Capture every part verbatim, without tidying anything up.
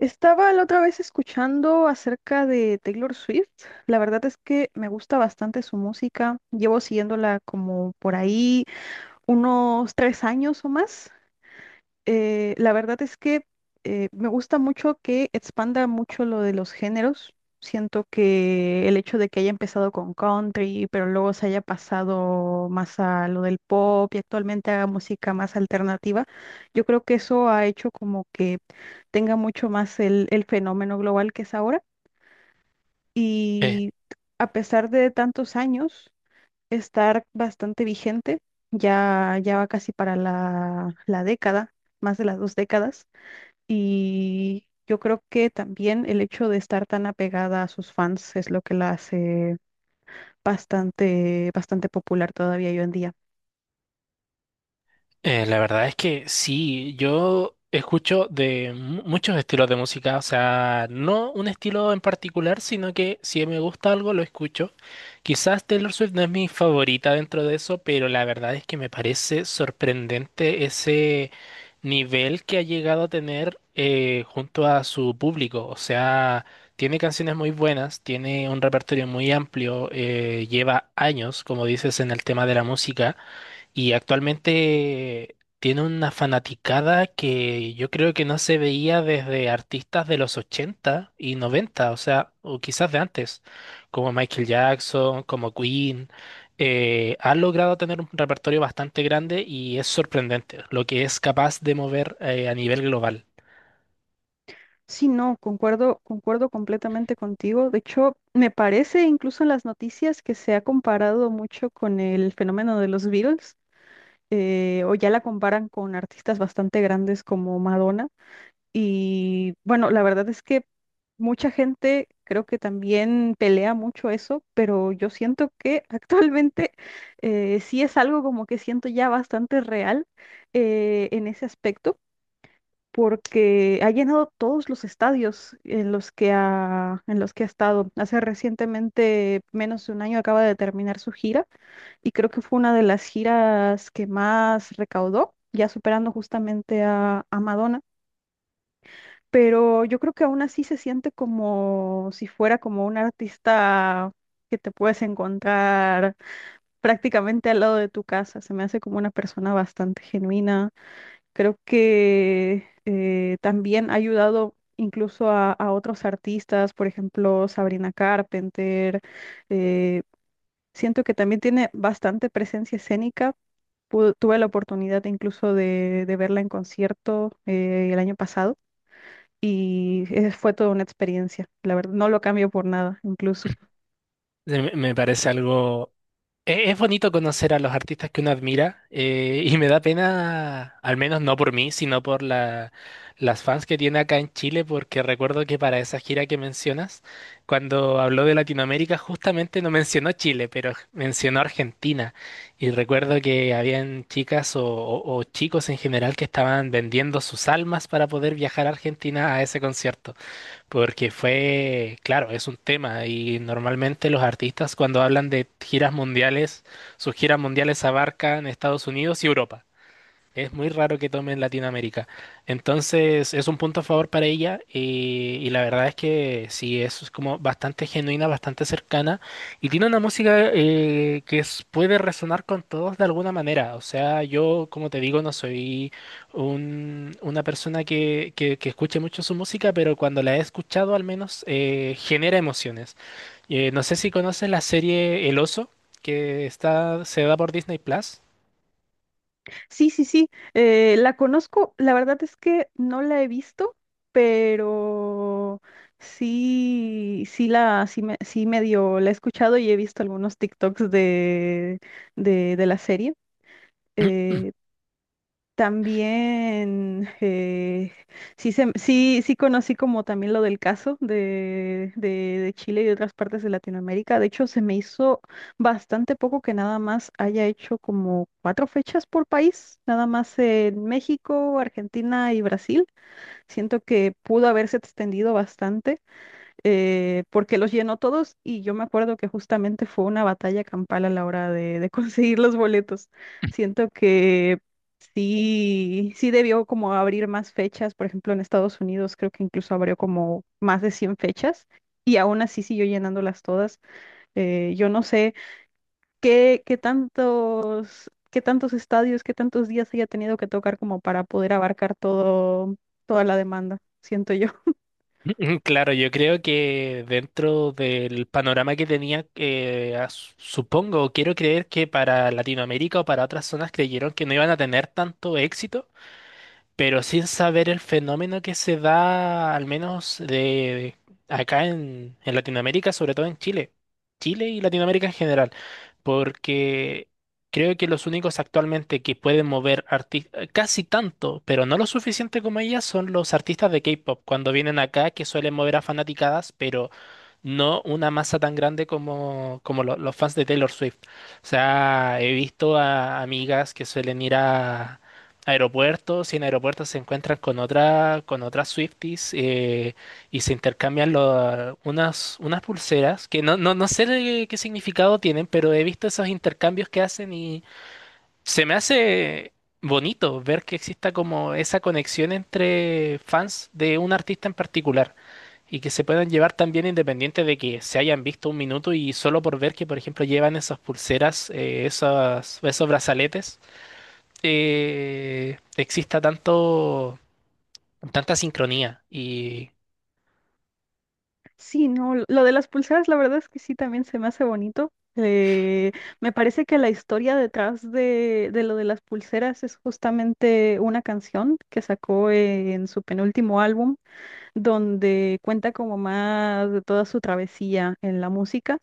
Estaba la otra vez escuchando acerca de Taylor Swift. La verdad es que me gusta bastante su música. Llevo siguiéndola como por ahí unos tres años o más. Eh, la verdad es que eh, me gusta mucho que expanda mucho lo de los géneros. Siento que el hecho de que haya empezado con country, pero luego se haya pasado más a lo del pop y actualmente haga música más alternativa, yo creo que eso ha hecho como que tenga mucho más el, el fenómeno global que es ahora. Eh, Y a pesar de tantos años, estar bastante vigente, ya, ya va casi para la, la década, más de las dos décadas. Y yo creo que también el hecho de estar tan apegada a sus fans es lo que la hace bastante, bastante popular todavía hoy en día. eh, la verdad es que sí, yo escucho de mu- muchos estilos de música, o sea, no un estilo en particular, sino que si me gusta algo lo escucho. Quizás Taylor Swift no es mi favorita dentro de eso, pero la verdad es que me parece sorprendente ese nivel que ha llegado a tener eh, junto a su público. O sea, tiene canciones muy buenas, tiene un repertorio muy amplio, eh, lleva años, como dices, en el tema de la música. Y actualmente tiene una fanaticada que yo creo que no se veía desde artistas de los ochenta y noventa, o sea, o quizás de antes, como Michael Jackson, como Queen. Eh, ha logrado tener un repertorio bastante grande y es sorprendente lo que es capaz de mover eh, a nivel global. Sí, no, concuerdo, concuerdo completamente contigo. De hecho, me parece incluso en las noticias que se ha comparado mucho con el fenómeno de los Beatles, eh, o ya la comparan con artistas bastante grandes como Madonna. Y bueno, la verdad es que mucha gente creo que también pelea mucho eso, pero yo siento que actualmente eh, sí es algo como que siento ya bastante real eh, en ese aspecto, porque ha llenado todos los estadios en los que ha, en los que ha estado. Hace recientemente, menos de un año, acaba de terminar su gira y creo que fue una de las giras que más recaudó, ya superando justamente a a Madonna, pero yo creo que aún así se siente como si fuera como un artista que te puedes encontrar prácticamente al lado de tu casa. Se me hace como una persona bastante genuina. Creo que eh, también ha ayudado incluso a, a otros artistas, por ejemplo, Sabrina Carpenter. eh, Siento que también tiene bastante presencia escénica. Pu- tuve la oportunidad incluso de, de verla en concierto eh, el año pasado. Y eh, fue toda una experiencia, la verdad, no lo cambio por nada, incluso. Se Me me parece algo. E- Es bonito conocer a los artistas que uno admira, eh, y me da pena, al menos no por mí, sino por la- las fans que tiene acá en Chile, porque recuerdo que para esa gira que mencionas, cuando habló de Latinoamérica, justamente no mencionó Chile, pero mencionó Argentina. Y recuerdo que habían chicas o, o o chicos en general que estaban vendiendo sus almas para poder viajar a Argentina a ese concierto, porque fue, claro, es un tema, y normalmente los artistas cuando hablan de giras mundiales, sus giras mundiales abarcan Estados Unidos y Europa. Es muy raro que tome en Latinoamérica. Entonces, es un punto a favor para ella, y, y la verdad es que sí, es como bastante genuina, bastante cercana, y tiene una música eh, que es- puede resonar con todos de alguna manera. O sea, yo, como te digo, no soy un- una persona que, que- que escuche mucho su música, pero cuando la he escuchado al menos eh, genera emociones. Eh, no sé si conoces la serie El Oso, que está, se da por Disney Plus. Sí, sí, sí, eh, la conozco, la verdad es que no la he visto, pero sí, sí la, sí me, sí medio la he escuchado y he visto algunos TikToks de, de, de la serie. eh, También, eh, sí, se- sí, sí conocí como también lo del caso de, de, de Chile y de otras partes de Latinoamérica. De hecho, se me hizo bastante poco que nada más haya hecho como cuatro fechas por país, nada más en México, Argentina y Brasil. Siento que pudo haberse extendido bastante, eh, porque los llenó todos y yo me acuerdo que justamente fue una batalla campal a la hora de, de conseguir los boletos. Siento que sí, sí debió como abrir más fechas, por ejemplo en Estados Unidos creo que incluso abrió como más de cien fechas y aún así siguió llenándolas todas. Eh, yo no sé qué, qué tantos, qué tantos estadios, qué tantos días haya tenido que tocar como para poder abarcar todo, toda la demanda, siento yo. Mm, claro, yo creo que dentro del panorama que tenía, eh, as- supongo, quiero creer que para Latinoamérica o para otras zonas creyeron que no iban a tener tanto éxito, pero sin saber el fenómeno que se da, al menos de acá en, en Latinoamérica, sobre todo en Chile. Chile y Latinoamérica en general, porque creo que los únicos actualmente que pueden mover arti- casi tanto, pero no lo suficiente como ellas, son los artistas de K-pop, cuando vienen acá, que suelen mover a fanaticadas, pero no una masa tan grande como, como lo- los fans de Taylor Swift. O sea, he visto a amigas que suelen ir a aeropuertos, y en aeropuertos se encuentran con otra, con otras Swifties, eh, y se intercambian lo- unas, unas pulseras que no, no, no sé de qué significado tienen, pero he visto esos intercambios que hacen, y se me hace bonito ver que exista como esa conexión entre fans de un artista en particular. Y que se puedan llevar también independiente de que se hayan visto un minuto, y solo por ver que, por ejemplo, llevan esas pulseras, eh, esas- esos brazaletes, eh, exista tanto, tanta sincronía. Y Sí, no, lo lo de las pulseras, la verdad es que sí, también se me hace bonito. Eh, me parece que la historia detrás de, de lo de las pulseras es justamente una canción que sacó en su penúltimo álbum, donde cuenta como más de toda su travesía en la música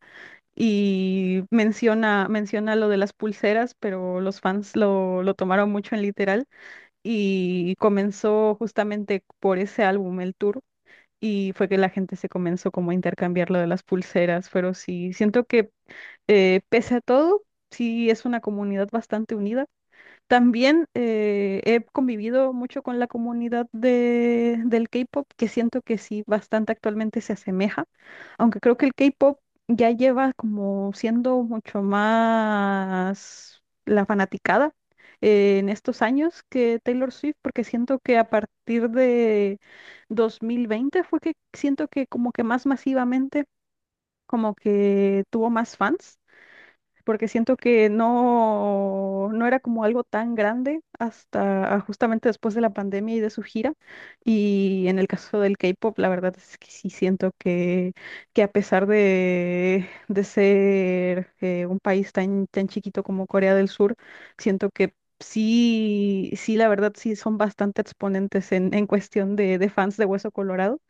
y menciona, menciona lo de las pulseras, pero los fans lo, lo tomaron mucho en literal y comenzó justamente por ese álbum, el tour, y fue que la gente se comenzó como a intercambiar lo de las pulseras, pero sí, siento que, eh, pese a todo, sí es una comunidad bastante unida. También, eh, he convivido mucho con la comunidad de, del K-pop, que siento que sí, bastante actualmente se asemeja, aunque creo que el K-pop ya lleva como siendo mucho más la fanaticada eh, en estos años que Taylor Swift, porque siento que a partir de dos mil veinte fue que siento que como que más masivamente como que tuvo más fans, porque siento que no, no era como algo tan grande hasta ah, justamente después de la pandemia y de su gira. Y en el caso del K-pop, la verdad es que sí siento que, que a pesar de, de ser eh, un país tan, tan chiquito como Corea del Sur, siento que sí, sí, la verdad sí son bastante exponentes en, en cuestión de, de fans de Hueso Colorado,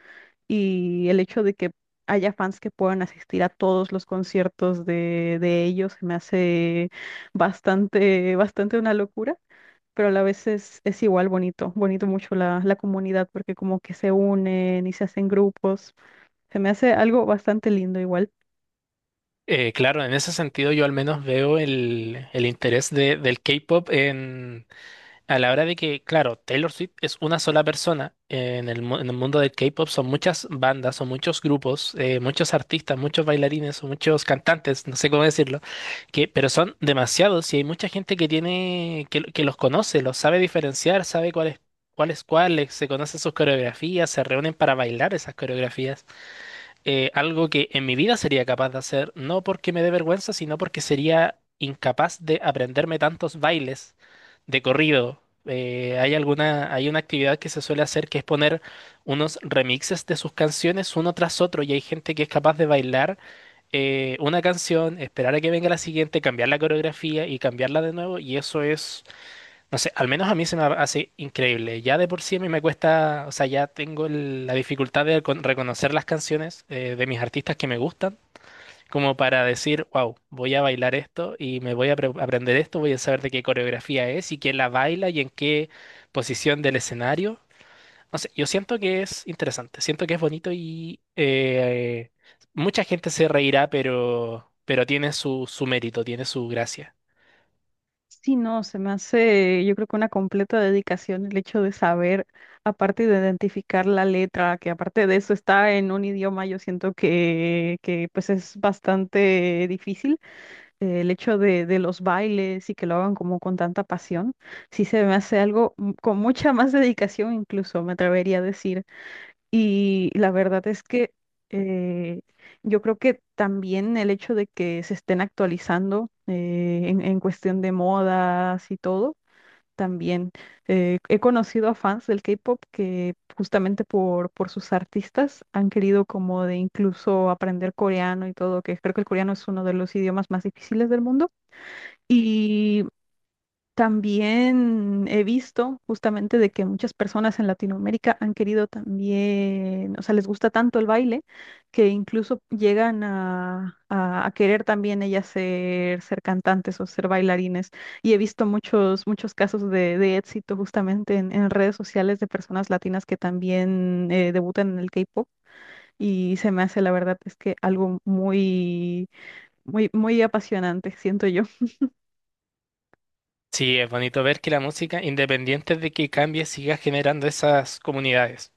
y el hecho de que haya fans que puedan asistir a todos los conciertos de, de ellos se me hace bastante, bastante una locura, pero a la vez es, es igual bonito, bonito mucho la, la comunidad porque como que se unen y se hacen grupos, se me hace algo bastante lindo igual. eh, claro, en ese sentido yo al menos veo el, el interés de- del K-pop en a la hora de que, claro, Taylor Swift es una sola persona, eh, en el, mu- en el mundo del K-pop son muchas bandas, son muchos grupos, eh, muchos artistas, muchos bailarines, son muchos cantantes, no sé cómo decirlo, que, pero son demasiados, y hay mucha gente que tiene, que, que los conoce, los sabe diferenciar, sabe cuál es, cuál es cuál, eh, se conocen sus coreografías, se reúnen para bailar esas coreografías, eh, algo que en mi vida sería capaz de hacer, no porque me dé vergüenza, sino porque sería incapaz de aprenderme tantos bailes de corrido. Eh, hay alguna, hay una actividad que se suele hacer, que es poner unos remixes de sus canciones uno tras otro, y hay gente que es capaz de bailar eh, una canción, esperar a que venga la siguiente, cambiar la coreografía y cambiarla de nuevo, y eso es, no sé, al menos a mí se me hace increíble. Ya de por sí a mí me cuesta, o sea, ya tengo el- la dificultad de recon- reconocer las canciones eh, de mis artistas que me gustan, como para decir, wow, voy a bailar esto, y me voy a apre- aprender esto, voy a saber de qué coreografía es, y quién la baila, y en qué posición del escenario. No sé, yo siento que es interesante, siento que es bonito, y eh, mucha gente se reirá, pero, pero tiene su, su mérito, tiene su gracia. Sí, no, se me hace, yo creo que una completa dedicación el hecho de saber, aparte de identificar la letra, que aparte de eso está en un idioma, yo siento que, que pues es bastante difícil, eh, el hecho de, de los bailes y que lo hagan como con tanta pasión, sí se me hace algo mm, con mucha más dedicación incluso, me atrevería a decir. Y la verdad es que, eh, yo creo que también el hecho de que se estén actualizando eh, en, en cuestión de modas y todo. También, eh, he conocido a fans del K-pop que justamente por, por sus artistas han querido como de incluso aprender coreano y todo, que creo que el coreano es uno de los idiomas más difíciles del mundo. Y también he visto justamente de que muchas personas en Latinoamérica han querido también, o sea, les gusta tanto el baile que incluso llegan a, a- a querer también ellas ser, ser cantantes o ser bailarines. Y he visto muchos, muchos casos de, de éxito justamente en, en redes sociales de personas latinas que también, eh, debutan en el K-pop. Y se me hace, la verdad, es que algo muy, muy, muy apasionante, siento yo. Sí, es bonito ver que la música, independiente de que cambie, siga generando esas comunidades.